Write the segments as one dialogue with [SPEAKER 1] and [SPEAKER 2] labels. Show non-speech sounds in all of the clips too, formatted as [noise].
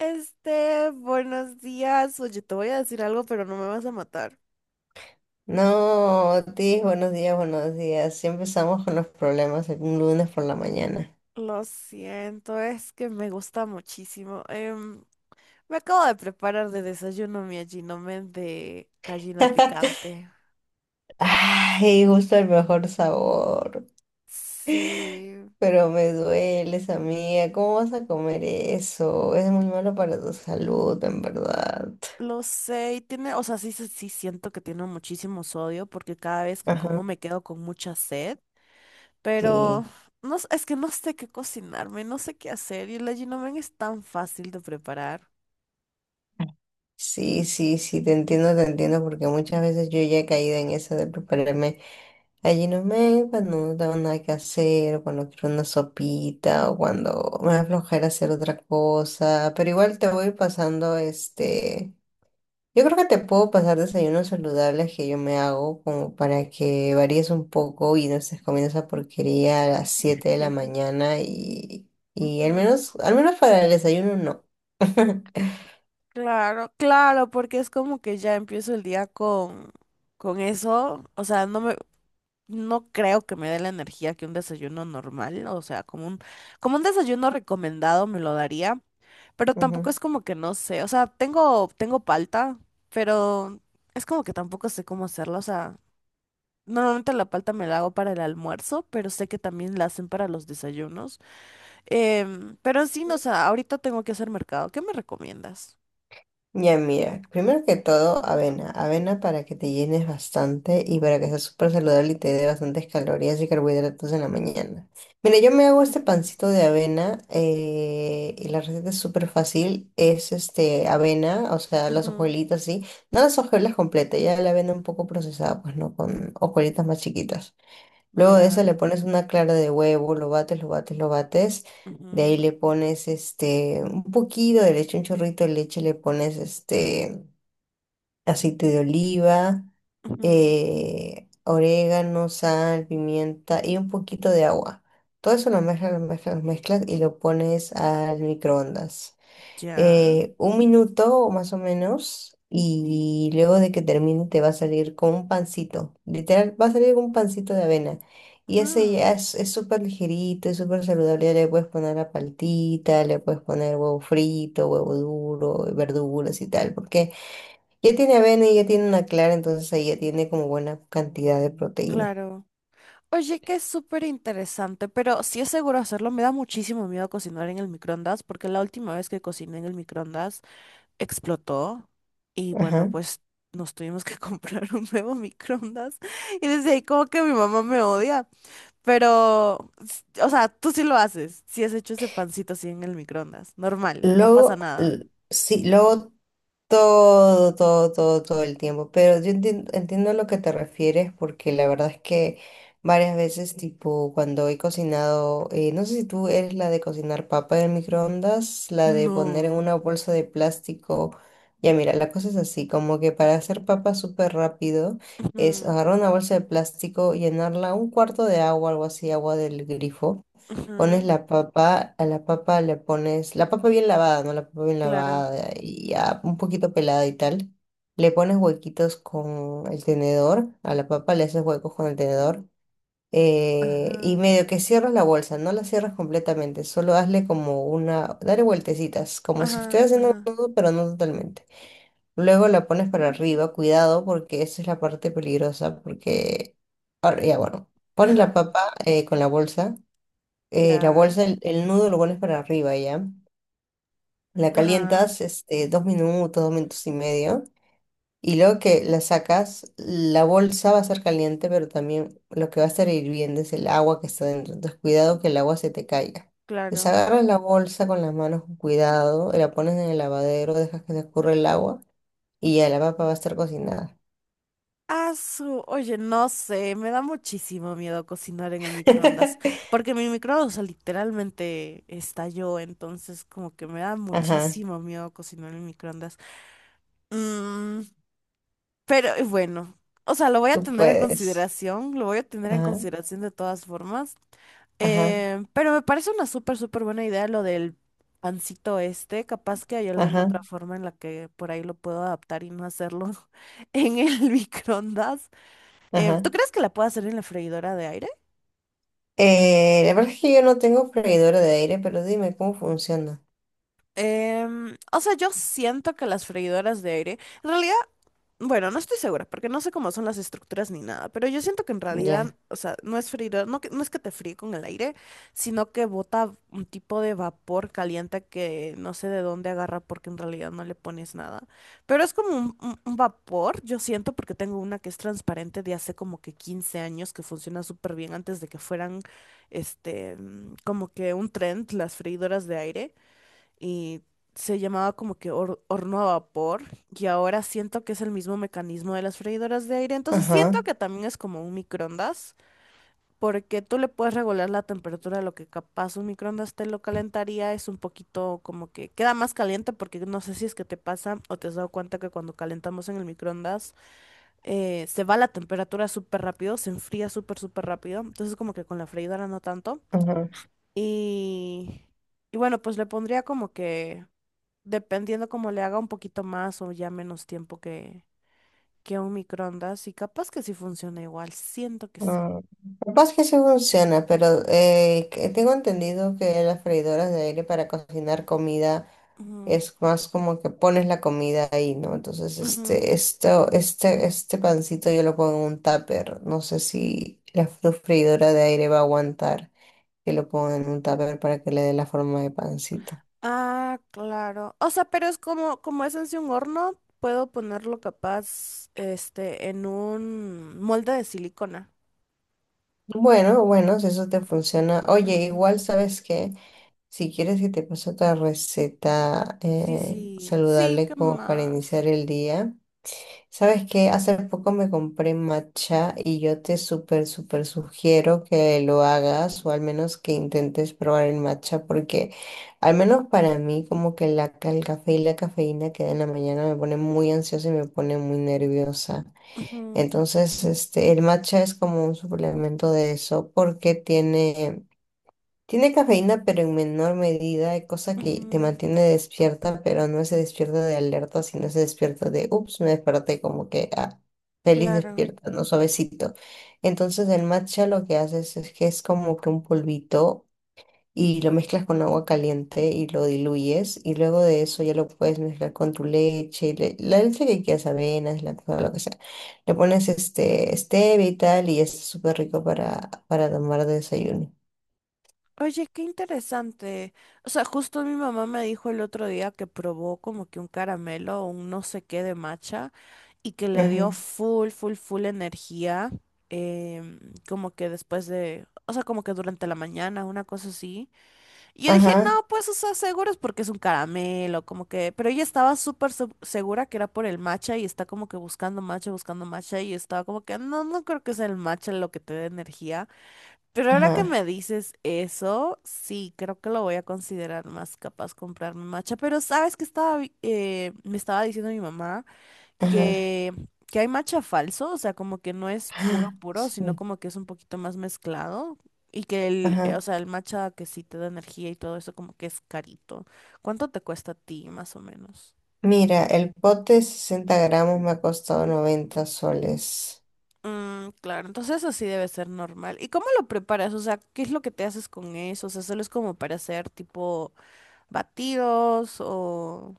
[SPEAKER 1] Buenos días. Oye, te voy a decir algo, pero no me vas a matar.
[SPEAKER 2] No, Otis, buenos días, buenos días. Sí empezamos con los problemas el lunes por la mañana.
[SPEAKER 1] Lo siento, es que me gusta muchísimo. Me acabo de preparar de desayuno mi allinomen de gallina
[SPEAKER 2] [laughs]
[SPEAKER 1] picante.
[SPEAKER 2] Ay, justo el mejor sabor,
[SPEAKER 1] Sí,
[SPEAKER 2] pero me dueles, amiga. ¿Cómo vas a comer eso? Es muy malo para tu salud, en verdad.
[SPEAKER 1] lo sé, y tiene, o sea, sí, sí siento que tiene muchísimo sodio porque cada vez que
[SPEAKER 2] Ajá.
[SPEAKER 1] como me quedo con mucha sed,
[SPEAKER 2] Sí,
[SPEAKER 1] pero no, es que no sé qué cocinarme, no sé qué hacer y el allinomen es tan fácil de preparar.
[SPEAKER 2] sí, sí, sí, te entiendo, porque muchas veces yo ya he caído en eso de prepararme. Allí no me, cuando no tengo nada que hacer, o cuando quiero una sopita, o cuando me da flojera hacer otra cosa, pero igual te voy pasando este. Yo creo que te puedo pasar desayunos saludables que yo me hago como para que varíes un poco y no estés comiendo esa porquería a las 7 de la
[SPEAKER 1] [laughs]
[SPEAKER 2] mañana y
[SPEAKER 1] Ujú.
[SPEAKER 2] al menos para el desayuno no. [laughs]
[SPEAKER 1] Claro, claro, porque es como que ya empiezo el día con eso. O sea, no me, no creo que me dé la energía que un desayuno normal. O sea, como un desayuno recomendado me lo daría. Pero
[SPEAKER 2] Ujú.
[SPEAKER 1] tampoco es como que no sé. O sea, tengo, tengo palta, pero es como que tampoco sé cómo hacerla. O sea, normalmente la palta me la hago para el almuerzo, pero sé que también la hacen para los desayunos. Pero en sí, no, o sea, ahorita tengo que hacer mercado. ¿Qué me recomiendas?
[SPEAKER 2] Ya mira, primero que todo, avena. Avena para que te llenes bastante y para que sea súper saludable y te dé bastantes calorías y carbohidratos en la mañana. Mira, yo me hago este
[SPEAKER 1] Ujú.
[SPEAKER 2] pancito de avena y la receta es súper fácil. Es este avena, o sea, las
[SPEAKER 1] Ujú.
[SPEAKER 2] hojuelitas, sí. No las hojuelas completas, ya la avena un poco procesada, pues no, con hojuelitas más chiquitas. Luego de
[SPEAKER 1] Ya.
[SPEAKER 2] eso le pones una clara de huevo, lo bates, lo bates, lo bates. De ahí
[SPEAKER 1] Ujú,
[SPEAKER 2] le pones este un poquito de leche, un chorrito de leche, le pones este aceite de oliva,
[SPEAKER 1] ujú.
[SPEAKER 2] orégano, sal, pimienta y un poquito de agua. Todo eso lo mezclas, lo mezclas, lo mezclas y lo pones al microondas
[SPEAKER 1] Ya.
[SPEAKER 2] un minuto o más o menos y luego de que termine te va a salir con un pancito. Literal, va a salir con un pancito de avena. Y ese
[SPEAKER 1] Mm.
[SPEAKER 2] ya es súper ligerito, es súper saludable. Ya le puedes poner la paltita, le puedes poner huevo frito, huevo duro, verduras y tal, porque ya tiene avena y ya tiene una clara, entonces ahí ya tiene como buena cantidad de proteína.
[SPEAKER 1] Claro. Oye, que es súper interesante, pero si es seguro hacerlo, me da muchísimo miedo cocinar en el microondas, porque la última vez que cociné en el microondas explotó y bueno,
[SPEAKER 2] Ajá.
[SPEAKER 1] pues nos tuvimos que [laughs] comprar un nuevo microondas y desde ahí como que mi mamá me odia, pero, o sea, tú sí lo haces, sí has hecho ese pancito así en el microondas, normal, no pasa
[SPEAKER 2] Luego,
[SPEAKER 1] nada.
[SPEAKER 2] sí, luego todo, todo, todo, todo el tiempo. Pero yo entiendo, entiendo a lo que te refieres porque la verdad es que varias veces, tipo, cuando he cocinado, no sé si tú eres la de cocinar papa en el microondas, la de poner en
[SPEAKER 1] No.
[SPEAKER 2] una bolsa de plástico. Ya mira, la cosa es así, como que para hacer papa súper rápido es
[SPEAKER 1] Ujú,
[SPEAKER 2] agarrar una bolsa de plástico, llenarla un cuarto de agua, algo así, agua del grifo.
[SPEAKER 1] ujú.
[SPEAKER 2] Pones la papa, a la papa le pones, la papa bien lavada, ¿no? La papa bien
[SPEAKER 1] Claro.
[SPEAKER 2] lavada y ya un poquito pelada y tal. Le pones huequitos con el tenedor, a la papa le haces huecos con el tenedor. Y
[SPEAKER 1] Ajá,
[SPEAKER 2] medio que cierras la bolsa, no la cierras completamente, solo hazle como una, dale vueltecitas, como si
[SPEAKER 1] ajá,
[SPEAKER 2] estuvieras haciendo
[SPEAKER 1] ajá,
[SPEAKER 2] un nudo, pero no totalmente. Luego la pones para arriba, cuidado, porque esa es la parte peligrosa, porque, ahora, ya bueno, pones la
[SPEAKER 1] ajá,
[SPEAKER 2] papa con la
[SPEAKER 1] ya,
[SPEAKER 2] bolsa, el nudo lo pones para arriba ya. La
[SPEAKER 1] ajá,
[SPEAKER 2] calientas este, 2 minutos, 2 minutos y medio. Y luego que la sacas, la bolsa va a estar caliente, pero también lo que va a estar hirviendo es el agua que está dentro. Entonces, cuidado que el agua se te caiga.
[SPEAKER 1] claro.
[SPEAKER 2] Desagarras la bolsa con las manos con cuidado, la pones en el lavadero, dejas que se escurra el agua y ya la papa va a estar cocinada.
[SPEAKER 1] Ah, oye, no sé, me da muchísimo miedo cocinar en el microondas,
[SPEAKER 2] [laughs]
[SPEAKER 1] porque mi microondas, o sea, literalmente estalló, entonces como que me da
[SPEAKER 2] Ajá,
[SPEAKER 1] muchísimo miedo cocinar en el microondas. Mm, pero bueno, o sea, lo voy a
[SPEAKER 2] tú
[SPEAKER 1] tener en
[SPEAKER 2] puedes.
[SPEAKER 1] consideración, lo voy a tener en
[SPEAKER 2] Ajá,
[SPEAKER 1] consideración de todas formas.
[SPEAKER 2] ajá,
[SPEAKER 1] Pero me parece una súper, súper buena idea lo del pancito este. Capaz que hay alguna
[SPEAKER 2] ajá,
[SPEAKER 1] otra forma en la que por ahí lo puedo adaptar y no hacerlo [laughs] en el [laughs] microondas. ¿Tú
[SPEAKER 2] ajá.
[SPEAKER 1] crees que la puedo hacer en la freidora de aire?
[SPEAKER 2] La verdad es que yo no tengo freidora de aire, pero dime cómo funciona.
[SPEAKER 1] O sea, yo siento que las freidoras de aire, en realidad bueno, no estoy segura, porque no sé cómo son las estructuras ni nada, pero yo siento que en realidad,
[SPEAKER 2] Ya.
[SPEAKER 1] o sea, no es freír, no, no es que te fríe con el aire, sino que bota un tipo de vapor caliente que no sé de dónde agarra porque en realidad no le pones nada. Pero es como un, un vapor, yo siento, porque tengo una que es transparente de hace como que 15 años que funciona súper bien antes de que fueran, como que un trend las freidoras de aire y se llamaba como que horno a vapor y ahora siento que es el mismo mecanismo de las freidoras de aire. Entonces
[SPEAKER 2] Ajá,
[SPEAKER 1] siento que también es como un microondas porque tú le puedes regular la temperatura, lo que capaz un microondas te lo calentaría es un poquito como que queda más caliente porque no sé si es que te pasa o te has dado cuenta que cuando calentamos en el microondas se va la temperatura súper rápido, se enfría súper, súper rápido. Entonces como que con la freidora no tanto.
[SPEAKER 2] ajá.
[SPEAKER 1] Y, y bueno, pues le pondría como que dependiendo cómo le haga un poquito más o ya menos tiempo que un microondas. Y capaz que sí funciona igual. Siento que sí.
[SPEAKER 2] Ah, capaz que sí funciona, pero que tengo entendido que las freidoras de aire para cocinar comida
[SPEAKER 1] Ujú,
[SPEAKER 2] es más como que pones la comida ahí, ¿no? Entonces,
[SPEAKER 1] ujú.
[SPEAKER 2] este, esto, este pancito yo lo pongo en un tupper. No sé si la freidora de aire va a aguantar que lo ponga en un tupper para que le dé la forma de pancito.
[SPEAKER 1] Ah, claro. O sea, pero es como, como es en sí un horno, puedo ponerlo capaz, en un molde de silicona.
[SPEAKER 2] Bueno, bueno, si eso te funciona. Oye,
[SPEAKER 1] Ujú.
[SPEAKER 2] igual sabes que si quieres que te pase otra receta
[SPEAKER 1] Sí, sí. Sí, ¿qué
[SPEAKER 2] saludable como para
[SPEAKER 1] más?
[SPEAKER 2] iniciar el día, sabes que hace poco me compré matcha y yo te súper, súper sugiero que lo hagas o al menos que intentes probar el matcha porque al menos para mí como que el café y la cafeína que da en la mañana me pone muy ansiosa y me pone muy nerviosa.
[SPEAKER 1] Ujú,
[SPEAKER 2] Entonces, este, el matcha es como un suplemento de eso porque tiene cafeína, pero en menor medida, hay cosa que te
[SPEAKER 1] ujú.
[SPEAKER 2] mantiene despierta, pero no se despierta de alerta, sino se despierta de, ups, me desperté como que ah, feliz
[SPEAKER 1] Claro.
[SPEAKER 2] despierta, ¿no? Suavecito. Entonces, el matcha lo que haces es que es como que un polvito y lo mezclas con agua caliente y lo diluyes y luego de eso ya lo puedes mezclar con tu leche, la leche que quieras, avenas, lactosa, lo que sea. Le pones este stevia y tal y ya está súper rico para tomar de desayuno.
[SPEAKER 1] Oye, qué interesante. O sea, justo mi mamá me dijo el otro día que probó como que un caramelo un no sé qué de matcha y que le dio
[SPEAKER 2] Ujú.
[SPEAKER 1] full, full, full energía, em, como que después de, o sea, como que durante la mañana, una cosa así. Y yo dije,
[SPEAKER 2] Ajá,
[SPEAKER 1] no, pues, o sea, seguro es porque es un caramelo, como que, pero ella estaba súper segura que era por el matcha y está como que buscando matcha y estaba como que, no, no creo que sea el matcha lo que te dé energía. Pero ahora que
[SPEAKER 2] ajá,
[SPEAKER 1] me dices eso, sí, creo que lo voy a considerar más capaz comprarme matcha. Pero sabes que estaba, me estaba diciendo mi mamá
[SPEAKER 2] ajá.
[SPEAKER 1] que, que hay matcha falso, o sea, como que no es puro
[SPEAKER 2] Ah,
[SPEAKER 1] puro, sino
[SPEAKER 2] sí,
[SPEAKER 1] como que es un poquito más mezclado. Y que el, o
[SPEAKER 2] ajá.
[SPEAKER 1] sea, el matcha que sí te da energía y todo eso, como que es carito. ¿Cuánto te cuesta a ti, más o menos?
[SPEAKER 2] Mira, el pote de 60 gramos me ha costado 90 soles.
[SPEAKER 1] Mm, claro, entonces eso sí debe ser normal. ¿Y cómo lo preparas? O sea, ¿qué es lo que te haces con eso? O sea, solo es como para hacer tipo batidos o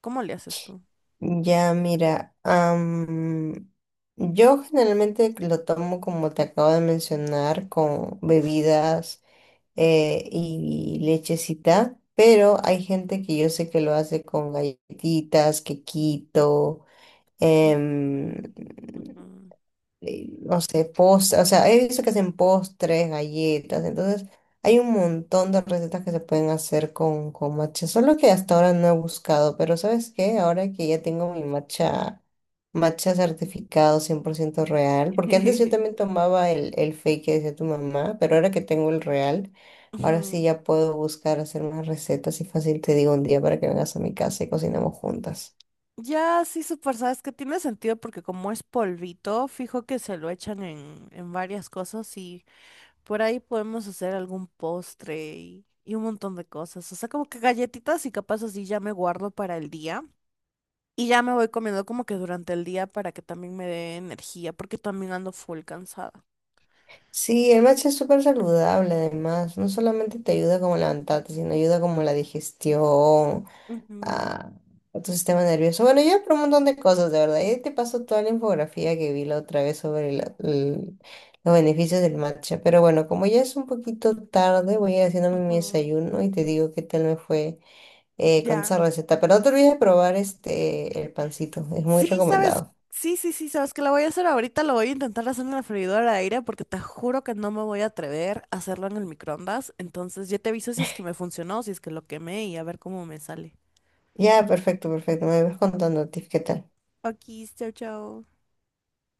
[SPEAKER 1] ¿cómo le haces tú?
[SPEAKER 2] Ya, mira, yo generalmente lo tomo como te acabo de mencionar, con bebidas y lechecita, pero hay gente que yo sé que lo hace con galletitas, quequito,
[SPEAKER 1] Mm,
[SPEAKER 2] em,
[SPEAKER 1] mm, ujú.
[SPEAKER 2] no sé, postres, o sea, he visto que hacen postres, galletas, entonces hay un montón de recetas que se pueden hacer con matcha, solo que hasta ahora no he buscado, pero ¿sabes qué? Ahora que ya tengo mi matcha, matcha certificado 100% real, porque antes yo
[SPEAKER 1] [laughs]
[SPEAKER 2] también tomaba el fake que decía tu mamá, pero ahora que tengo el real, ahora sí
[SPEAKER 1] Ujú.
[SPEAKER 2] ya puedo buscar hacer más recetas y fácil te digo un día para que vengas a mi casa y cocinemos juntas.
[SPEAKER 1] Ya, sí, súper, sabes que tiene sentido porque como es polvito, fijo que se lo echan en varias cosas y por ahí podemos hacer algún postre y un montón de cosas. O sea, como que galletitas y capaz así ya me guardo para el día y ya me voy comiendo como que durante el día para que también me dé energía porque también ando full cansada.
[SPEAKER 2] Sí, el matcha es súper saludable además, no solamente te ayuda como a levantarte, sino ayuda como a la digestión, a, a tu sistema nervioso. Bueno, ya por un montón de cosas, de verdad. Y te paso toda la infografía que vi la otra vez sobre los beneficios del matcha. Pero bueno, como ya es un poquito tarde, voy a ir haciéndome
[SPEAKER 1] Ujú,
[SPEAKER 2] mi
[SPEAKER 1] ujú.
[SPEAKER 2] desayuno y te digo qué tal me fue con
[SPEAKER 1] Ya.
[SPEAKER 2] esa receta. Pero no te olvides de probar este, el pancito, es muy
[SPEAKER 1] Sí, sabes,
[SPEAKER 2] recomendado.
[SPEAKER 1] sí, sí, sí, sabes que lo voy a hacer ahorita, lo voy a intentar hacer en la freidora de aire porque te juro que no me voy a atrever a hacerlo en el microondas. Entonces ya te aviso si es que me funcionó, si es que lo quemé y a ver cómo me sale.
[SPEAKER 2] Ya, perfecto, perfecto. Me vas contando, Tiff, qué tal.
[SPEAKER 1] Aquí, chao, chao.